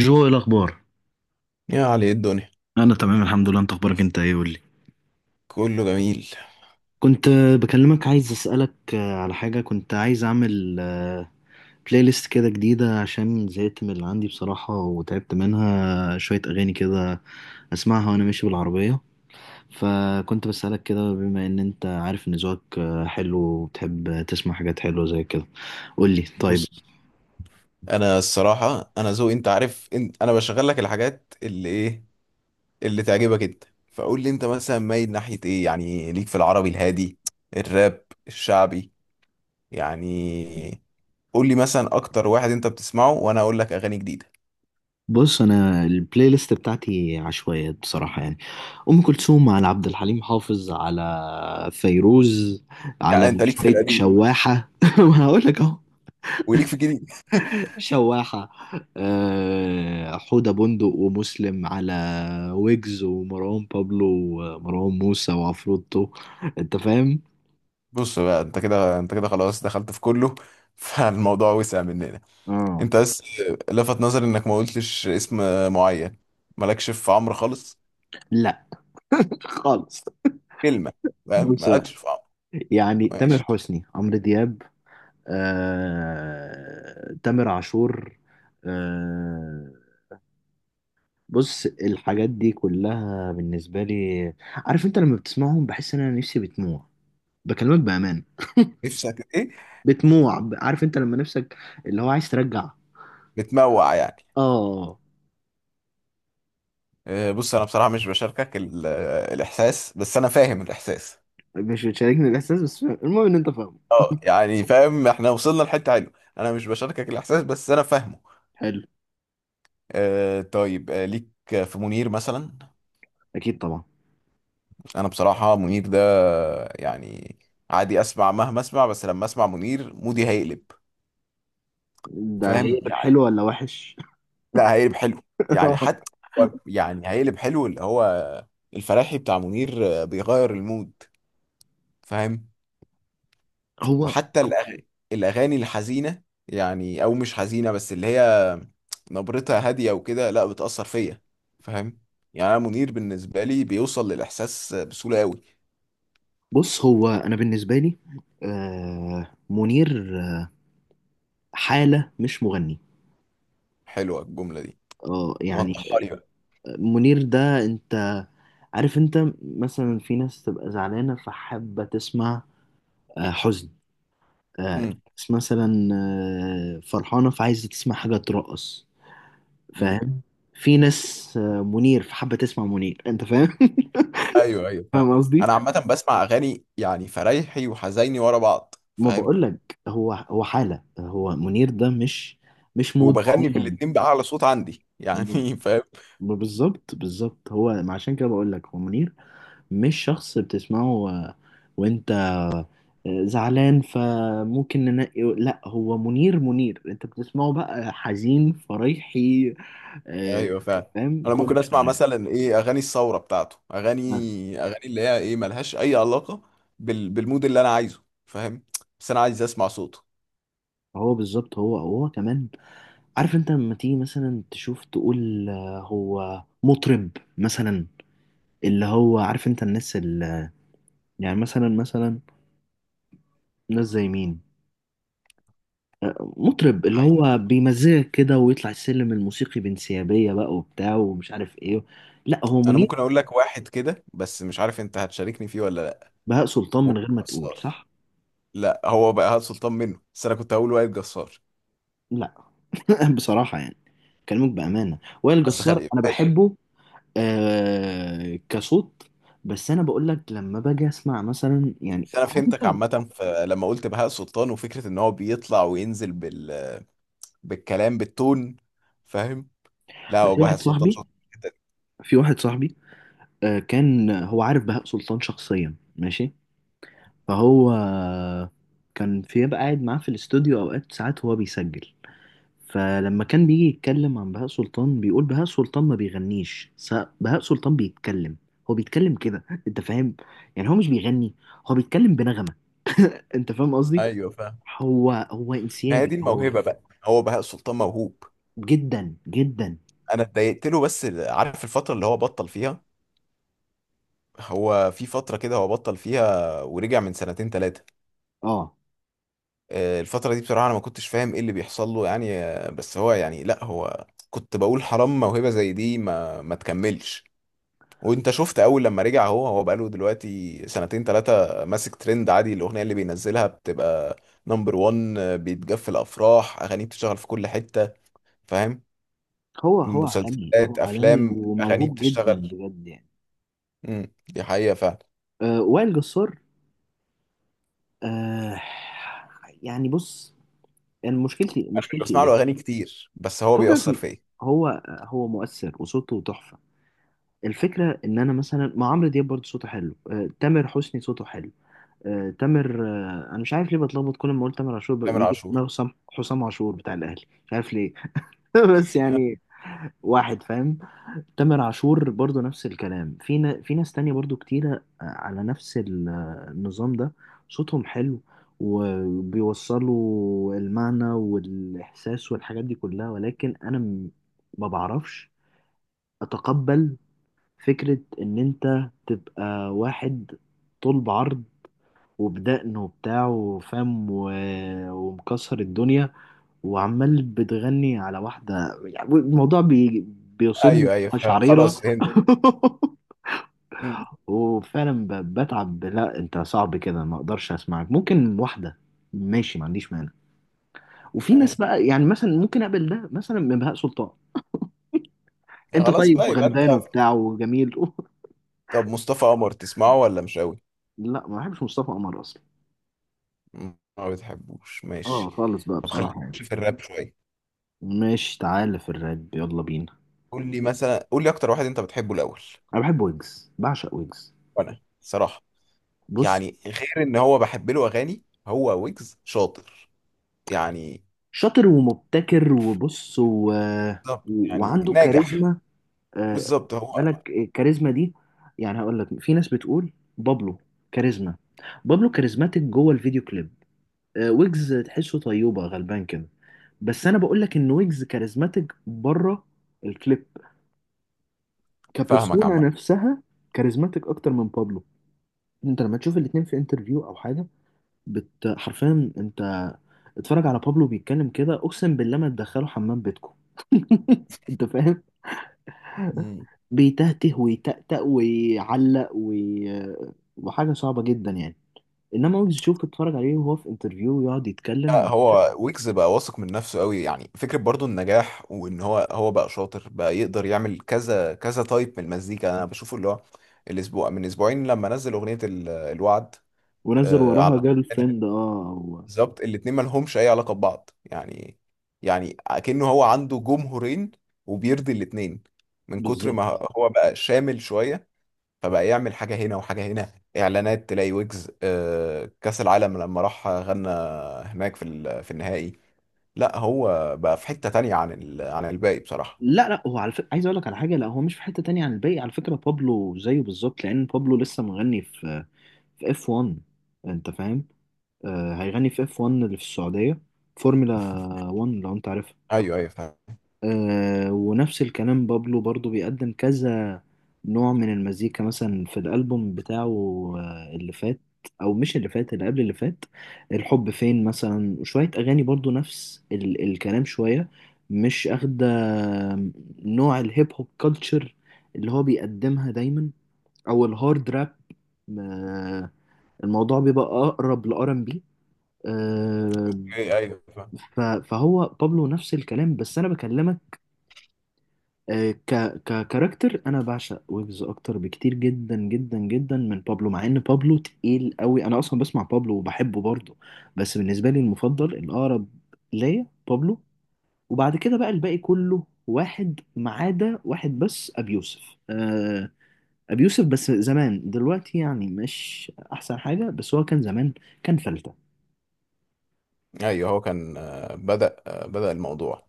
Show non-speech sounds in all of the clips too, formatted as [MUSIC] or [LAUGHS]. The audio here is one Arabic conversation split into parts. جو ايه الاخبار؟ يا علي، إيه الدنيا؟ انا تمام الحمد لله. انت اخبارك، انت ايه؟ قول لي. كله جميل. كنت بكلمك، عايز اسالك على حاجه. كنت عايز اعمل بلاي ليست كده جديده، عشان زهقت من اللي عندي بصراحه وتعبت منها، شويه اغاني كده اسمعها وانا ماشي بالعربيه. فكنت بسالك كده، بما ان انت عارف ان ذوقك حلو وبتحب تسمع حاجات حلوه زي كده. قول لي طيب. بص، انا الصراحه انا ذوقي، انت عارف، انا بشغل لك الحاجات اللي ايه اللي تعجبك انت، فقول لي انت مثلا مايل ناحيه ايه، يعني ليك في العربي الهادي، الراب الشعبي؟ يعني قول لي مثلا اكتر واحد انت بتسمعه وانا اقول لك اغاني جديده. بص، انا البلاي ليست بتاعتي عشوائيات بصراحه، يعني ام كلثوم، على عبد الحليم حافظ، على فيروز، على يعني انت ليك في شويه القديم شواحه. [LAUGHS] ما هقول لك اهو. وليك في الجديد. شواحه، حوده بندق ومسلم، على ويجز ومروان بابلو ومروان موسى وعفروتو. انت فاهم. بص بقى، انت كده انت كده خلاص دخلت في كله [LAUGHS] فالموضوع وسع مننا. اه. انت بس لفت نظري انك ما قلتش اسم معين. مالكش في عمرو خالص لا، خالص. كلمه؟ فاهم؟ بص بقى، مالكش في عمق. يعني تامر ماشي. حسني، عمرو دياب، تامر عاشور، آه... بص الحاجات دي كلها بالنسبة لي، عارف انت لما بتسمعهم بحس ان انا نفسي بتموع. بكلمك بأمان. نفسك ايه؟ بتموع، عارف انت لما نفسك اللي هو عايز ترجع. بتموع يعني؟ اه. بص، انا بصراحه مش بشاركك الاحساس، بس انا فاهم الاحساس. مش بتشاركني الاحساس بس فاهم. المهم ان انت فاهمه. اه يعني فاهم، احنا وصلنا لحته حلوه، انا مش بشاركك الاحساس بس انا فاهمه. حلو. طيب، ليك في منير مثلا؟ اكيد طبعا. انا بصراحه منير ده، يعني عادي اسمع، مهما اسمع بس لما اسمع منير مودي هيقلب. ده فاهم هي يعني؟ حلو ولا وحش؟ لا هيقلب حلو. يعني حتى، [LAUGHS] يعني هيقلب حلو، اللي هو الفراحي بتاع منير بيغير المود. فاهم؟ هو وحتى طب الاغاني الحزينه، يعني او مش حزينه بس اللي هي نبرتها هاديه وكده، لا بتاثر فيا. فاهم؟ يعني انا منير بالنسبه لي بيوصل للاحساس بسهوله قوي. بص، هو انا بالنسبة لي آه منير حالة، مش مغني. حلوه الجمله دي. اه يعني، وضحها لي بقى. منير ده انت عارف، انت مثلا في ناس تبقى زعلانة فحابة تسمع حزن. امم، ناس مثلا فرحانة فعايزة تسمع حاجة ترقص، امم، فاهم. في ناس منير، فحابة تسمع منير، انت فاهم. [LAUGHS] ايوه ايوه فاهم. فاهم قصدي. انا عامه بسمع اغاني يعني فرايحي وحزيني ورا بعض. ما فاهم؟ بقولك هو حالة، هو منير ده مش مود وبغني في معين. الاتنين باعلى صوت عندي ب- يعني [LAUGHS] فاهم. بالظبط، بالظبط، هو عشان كده بقولك هو منير مش شخص بتسمعه و... وانت زعلان فممكن ننقي. لا، هو منير. منير انت بتسمعه بقى حزين، فرايحي، آه، ايوه فعلا. فاهم. انا ممكن كله اسمع شغال. مثلا ايه اغاني الثوره بتاعته، بس اغاني اللي هي ايه، ملهاش اي علاقه بالمود اللي انا عايزه. فاهم؟ بس انا عايز اسمع صوته. هو بالظبط، هو هو كمان، عارف انت لما تيجي مثلا تشوف تقول هو مطرب مثلا، اللي هو عارف، انت الناس اللي يعني، مثلا، ناس زي مين؟ مطرب اللي عايز هو بيمزجك كده، ويطلع السلم الموسيقي بانسيابية بقى وبتاع ومش عارف ايه. لا، هو انا منير. ممكن اقول لك واحد كده بس مش عارف انت هتشاركني فيه ولا لا. بهاء سلطان من وائل غير ما تقول، جسار. صح. لا هو بقى هاد سلطان منه، بس انا كنت هقول وائل جسار. لا. [LAUGHS] بصراحة يعني، كلامك بأمانة، وائل بس جسار خلي أنا ماشي. بحبه آه كصوت. بس أنا بقول لك لما باجي أسمع مثلا، يعني بس انا عارف فهمتك أنت، عامه، لما قلت بهاء سلطان وفكره ان هو بيطلع وينزل بالكلام بالتون. فاهم؟ لا أنا هو في بهاء واحد سلطان صاحبي، شاطر جدا. في واحد صاحبي آه كان هو عارف بهاء سلطان شخصيا، ماشي. فهو كان في بقى قاعد معاه في الاستوديو أوقات، ساعات هو بيسجل. فلما كان بيجي يتكلم عن بهاء سلطان، بيقول بهاء سلطان ما بيغنيش، بهاء سلطان بيتكلم. هو بيتكلم كده، أنت فاهم. يعني هو مش بيغني، هو بيتكلم بنغمة. انت فاهم قصدي. ايوه فاهم. هو ما هي انسيابي دي هو. الموهبه بقى، هو بهاء سلطان موهوب. جدا جدا. انا اتضايقت له، بس عارف الفتره اللي هو بطل فيها. هو في فتره كده هو بطل فيها ورجع من سنتين ثلاثه. اه، الفتره دي بصراحه انا ما كنتش فاهم ايه اللي بيحصل له، يعني بس هو يعني، لا هو كنت بقول حرام موهبه زي دي ما تكملش. وانت شفت اول لما رجع، هو بقاله دلوقتي سنتين ثلاثه ماسك ترند، عادي الاغنيه اللي بينزلها بتبقى نمبر 1. بيتجف الافراح، اغانيه بتشتغل في كل حته. فاهم؟ هو عالمي، هو مسلسلات، عالمي افلام، اغانيه وموهوب جدا بتشتغل. بجد يعني. دي حقيقه فعلا. آه وائل جسار، آه يعني بص، يعني مشكلتي انا مش مشكلتي بسمع ايه؟ له اغاني كتير بس هو فكك بيأثر م- فيا. هو هو مؤثر وصوته تحفة. الفكرة ان انا مثلا مع عمرو دياب برضه صوته حلو، آه تامر حسني صوته حلو. تامر، انا مش عارف ليه بتلخبط، كل ما اقول تامر عاشور بقى تامر بيجي في عاشور. دماغي حسام، حسام عاشور بتاع الاهلي، مش عارف ليه. [LAUGHS] بس يعني واحد، فاهم. تامر عاشور برضو نفس الكلام. في في ناس تانية برضو كتيرة على نفس النظام ده، صوتهم حلو وبيوصلوا المعنى والإحساس والحاجات دي كلها. ولكن أنا ما بعرفش أتقبل فكرة إن أنت تبقى واحد طول بعرض وبدقنه وبتاع وفم و... ومكسر الدنيا وعمال بتغني على واحدة. يعني الموضوع بيصيبني ايوه ايوه، قشعريرة. خلاص هند. أمم، [LAUGHS] وفعلا بتعب. لا انت صعب كده، ما اقدرش اسمعك. ممكن واحدة ماشي، ما عنديش مانع. وفي ناس أيوة. بقى، يعني مثلا ممكن اقبل ده مثلا من بهاء سلطان. انت خلاص طيب بقى يبقى انت. وغلبان وبتاع وجميل. [LAUGHS] طب مصطفى قمر تسمعه ولا مش قوي؟ لا ما بحبش مصطفى قمر اصلا. ما بتحبوش؟ ماشي. اه خالص بقى، طب خلينا بصراحة يعني. نخش في الراب شويه. ماشي، تعالى في الراب، يلا بينا. قول لي مثلا، قول لي اكتر واحد انت بتحبه الاول. انا بحب ويجز، بعشق ويجز. وانا صراحه، بص يعني غير ان هو بحب له اغاني، هو ويجز شاطر يعني. شاطر ومبتكر وبص و... بالظبط و... يعني وعنده ناجح. كاريزما. آه، بالظبط هو. بالك الكاريزما دي، يعني هقول لك في ناس بتقول بابلو كاريزما، بابلو كاريزماتيك جوه الفيديو كليب. ويجز تحسه طيوبة غلبان كده، بس انا بقول لك ان ويجز كاريزماتيك بره الكليب، فاهمك كبرسونا عم. نفسها، كاريزماتيك اكتر من بابلو. انت لما تشوف الاتنين في انترفيو او حاجه، حرفيا انت اتفرج على بابلو بيتكلم كده، اقسم بالله ما تدخله حمام بيتكم، انت فاهم. مم. بيتهته ويتأتأ ويعلق وحاجة صعبة جدا يعني. انما ويجز شوف، تتفرج عليه وهو في انترفيو ويقعد لا يتكلم. هو ويجز بقى واثق من نفسه قوي، يعني فكرة برضو النجاح وان هو بقى شاطر، بقى يقدر يعمل كذا كذا تايب من المزيكا. انا بشوفه اللي هو الاسبوع من اسبوعين لما نزل اغنية الوعد. ونزل على، وراها جيرل يعني فريند، اه هو بالظبط الاتنين ما لهمش اي علاقة ببعض يعني. يعني اكنه هو عنده جمهورين وبيرضي الاتنين، من كتر ما بالظبط. هو بقى شامل شوية. فبقى يعمل حاجة هنا وحاجة هنا، إعلانات تلاقي ويجز كأس العالم لما راح غنى هناك في النهائي. لا هو بقى في حتة تانية عن الباقي بصراحة. لا لا، هو على فكرة عايز اقول لك على حاجة، لا هو مش في حتة تانية عن الباقي على فكرة، بابلو زيه بالظبط، لان بابلو لسه مغني في في اف 1، انت فاهم. آه، هيغني في اف 1 اللي في السعودية، فورمولا 1 لو انت عارف. أيوه أيوه فاهم. آه، ونفس الكلام بابلو برضو بيقدم كذا نوع من المزيكا، مثلا في الألبوم بتاعه آه اللي فات، أو مش اللي فات، اللي قبل اللي فات، الحب فين مثلا، وشوية أغاني برضو نفس ال الكلام، شوية مش أخدة نوع الهيب هوب كلتشر اللي هو بيقدمها دايما، أو الهارد راب آه، الموضوع بيبقى أقرب لآر ام بي آه. أيوه أيوه فاهم. فهو بابلو نفس الكلام، بس أنا بكلمك آه، ك ككاركتر، انا بعشق ويجز اكتر بكتير جدا جدا جدا من بابلو، مع ان بابلو تقيل قوي، انا اصلا بسمع بابلو وبحبه برضه. بس بالنسبه لي المفضل الاقرب ليا بابلو، وبعد كده بقى الباقي كله واحد، ما عدا واحد بس، ابي يوسف. ابي يوسف بس زمان، دلوقتي يعني مش احسن حاجه، بس هو كان زمان كان فلته. أيوه، هو كان بدأ الموضوع.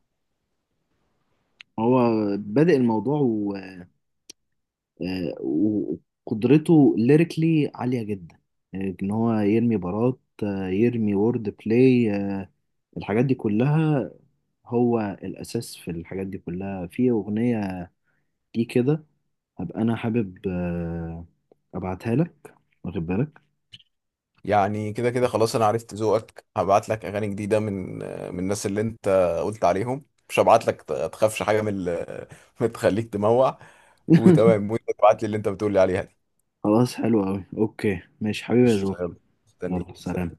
هو بادئ الموضوع، آه، وقدرته ليريكلي عالية جدا، ان هو يرمي بارات، يرمي وورد بلاي، الحاجات دي كلها هو الاساس في الحاجات دي كلها. في اغنية دي كده هبقى انا حابب ابعتها لك، واخد بالك. يعني كده كده خلاص، أنا عرفت ذوقك، هبعت لك أغاني جديدة من الناس اللي أنت قلت عليهم، مش هبعت لك تخافش حاجة [LAUGHS] من تخليك تموع. وتمام، [LAUGHS] وأنت تبعت لي اللي أنت بتقول لي عليها دي. خلاص، حلو قوي، اوكي، ماشي حبيبي يا قشطة، جو. يلا، مستنيك، يلا، سلام. سلام.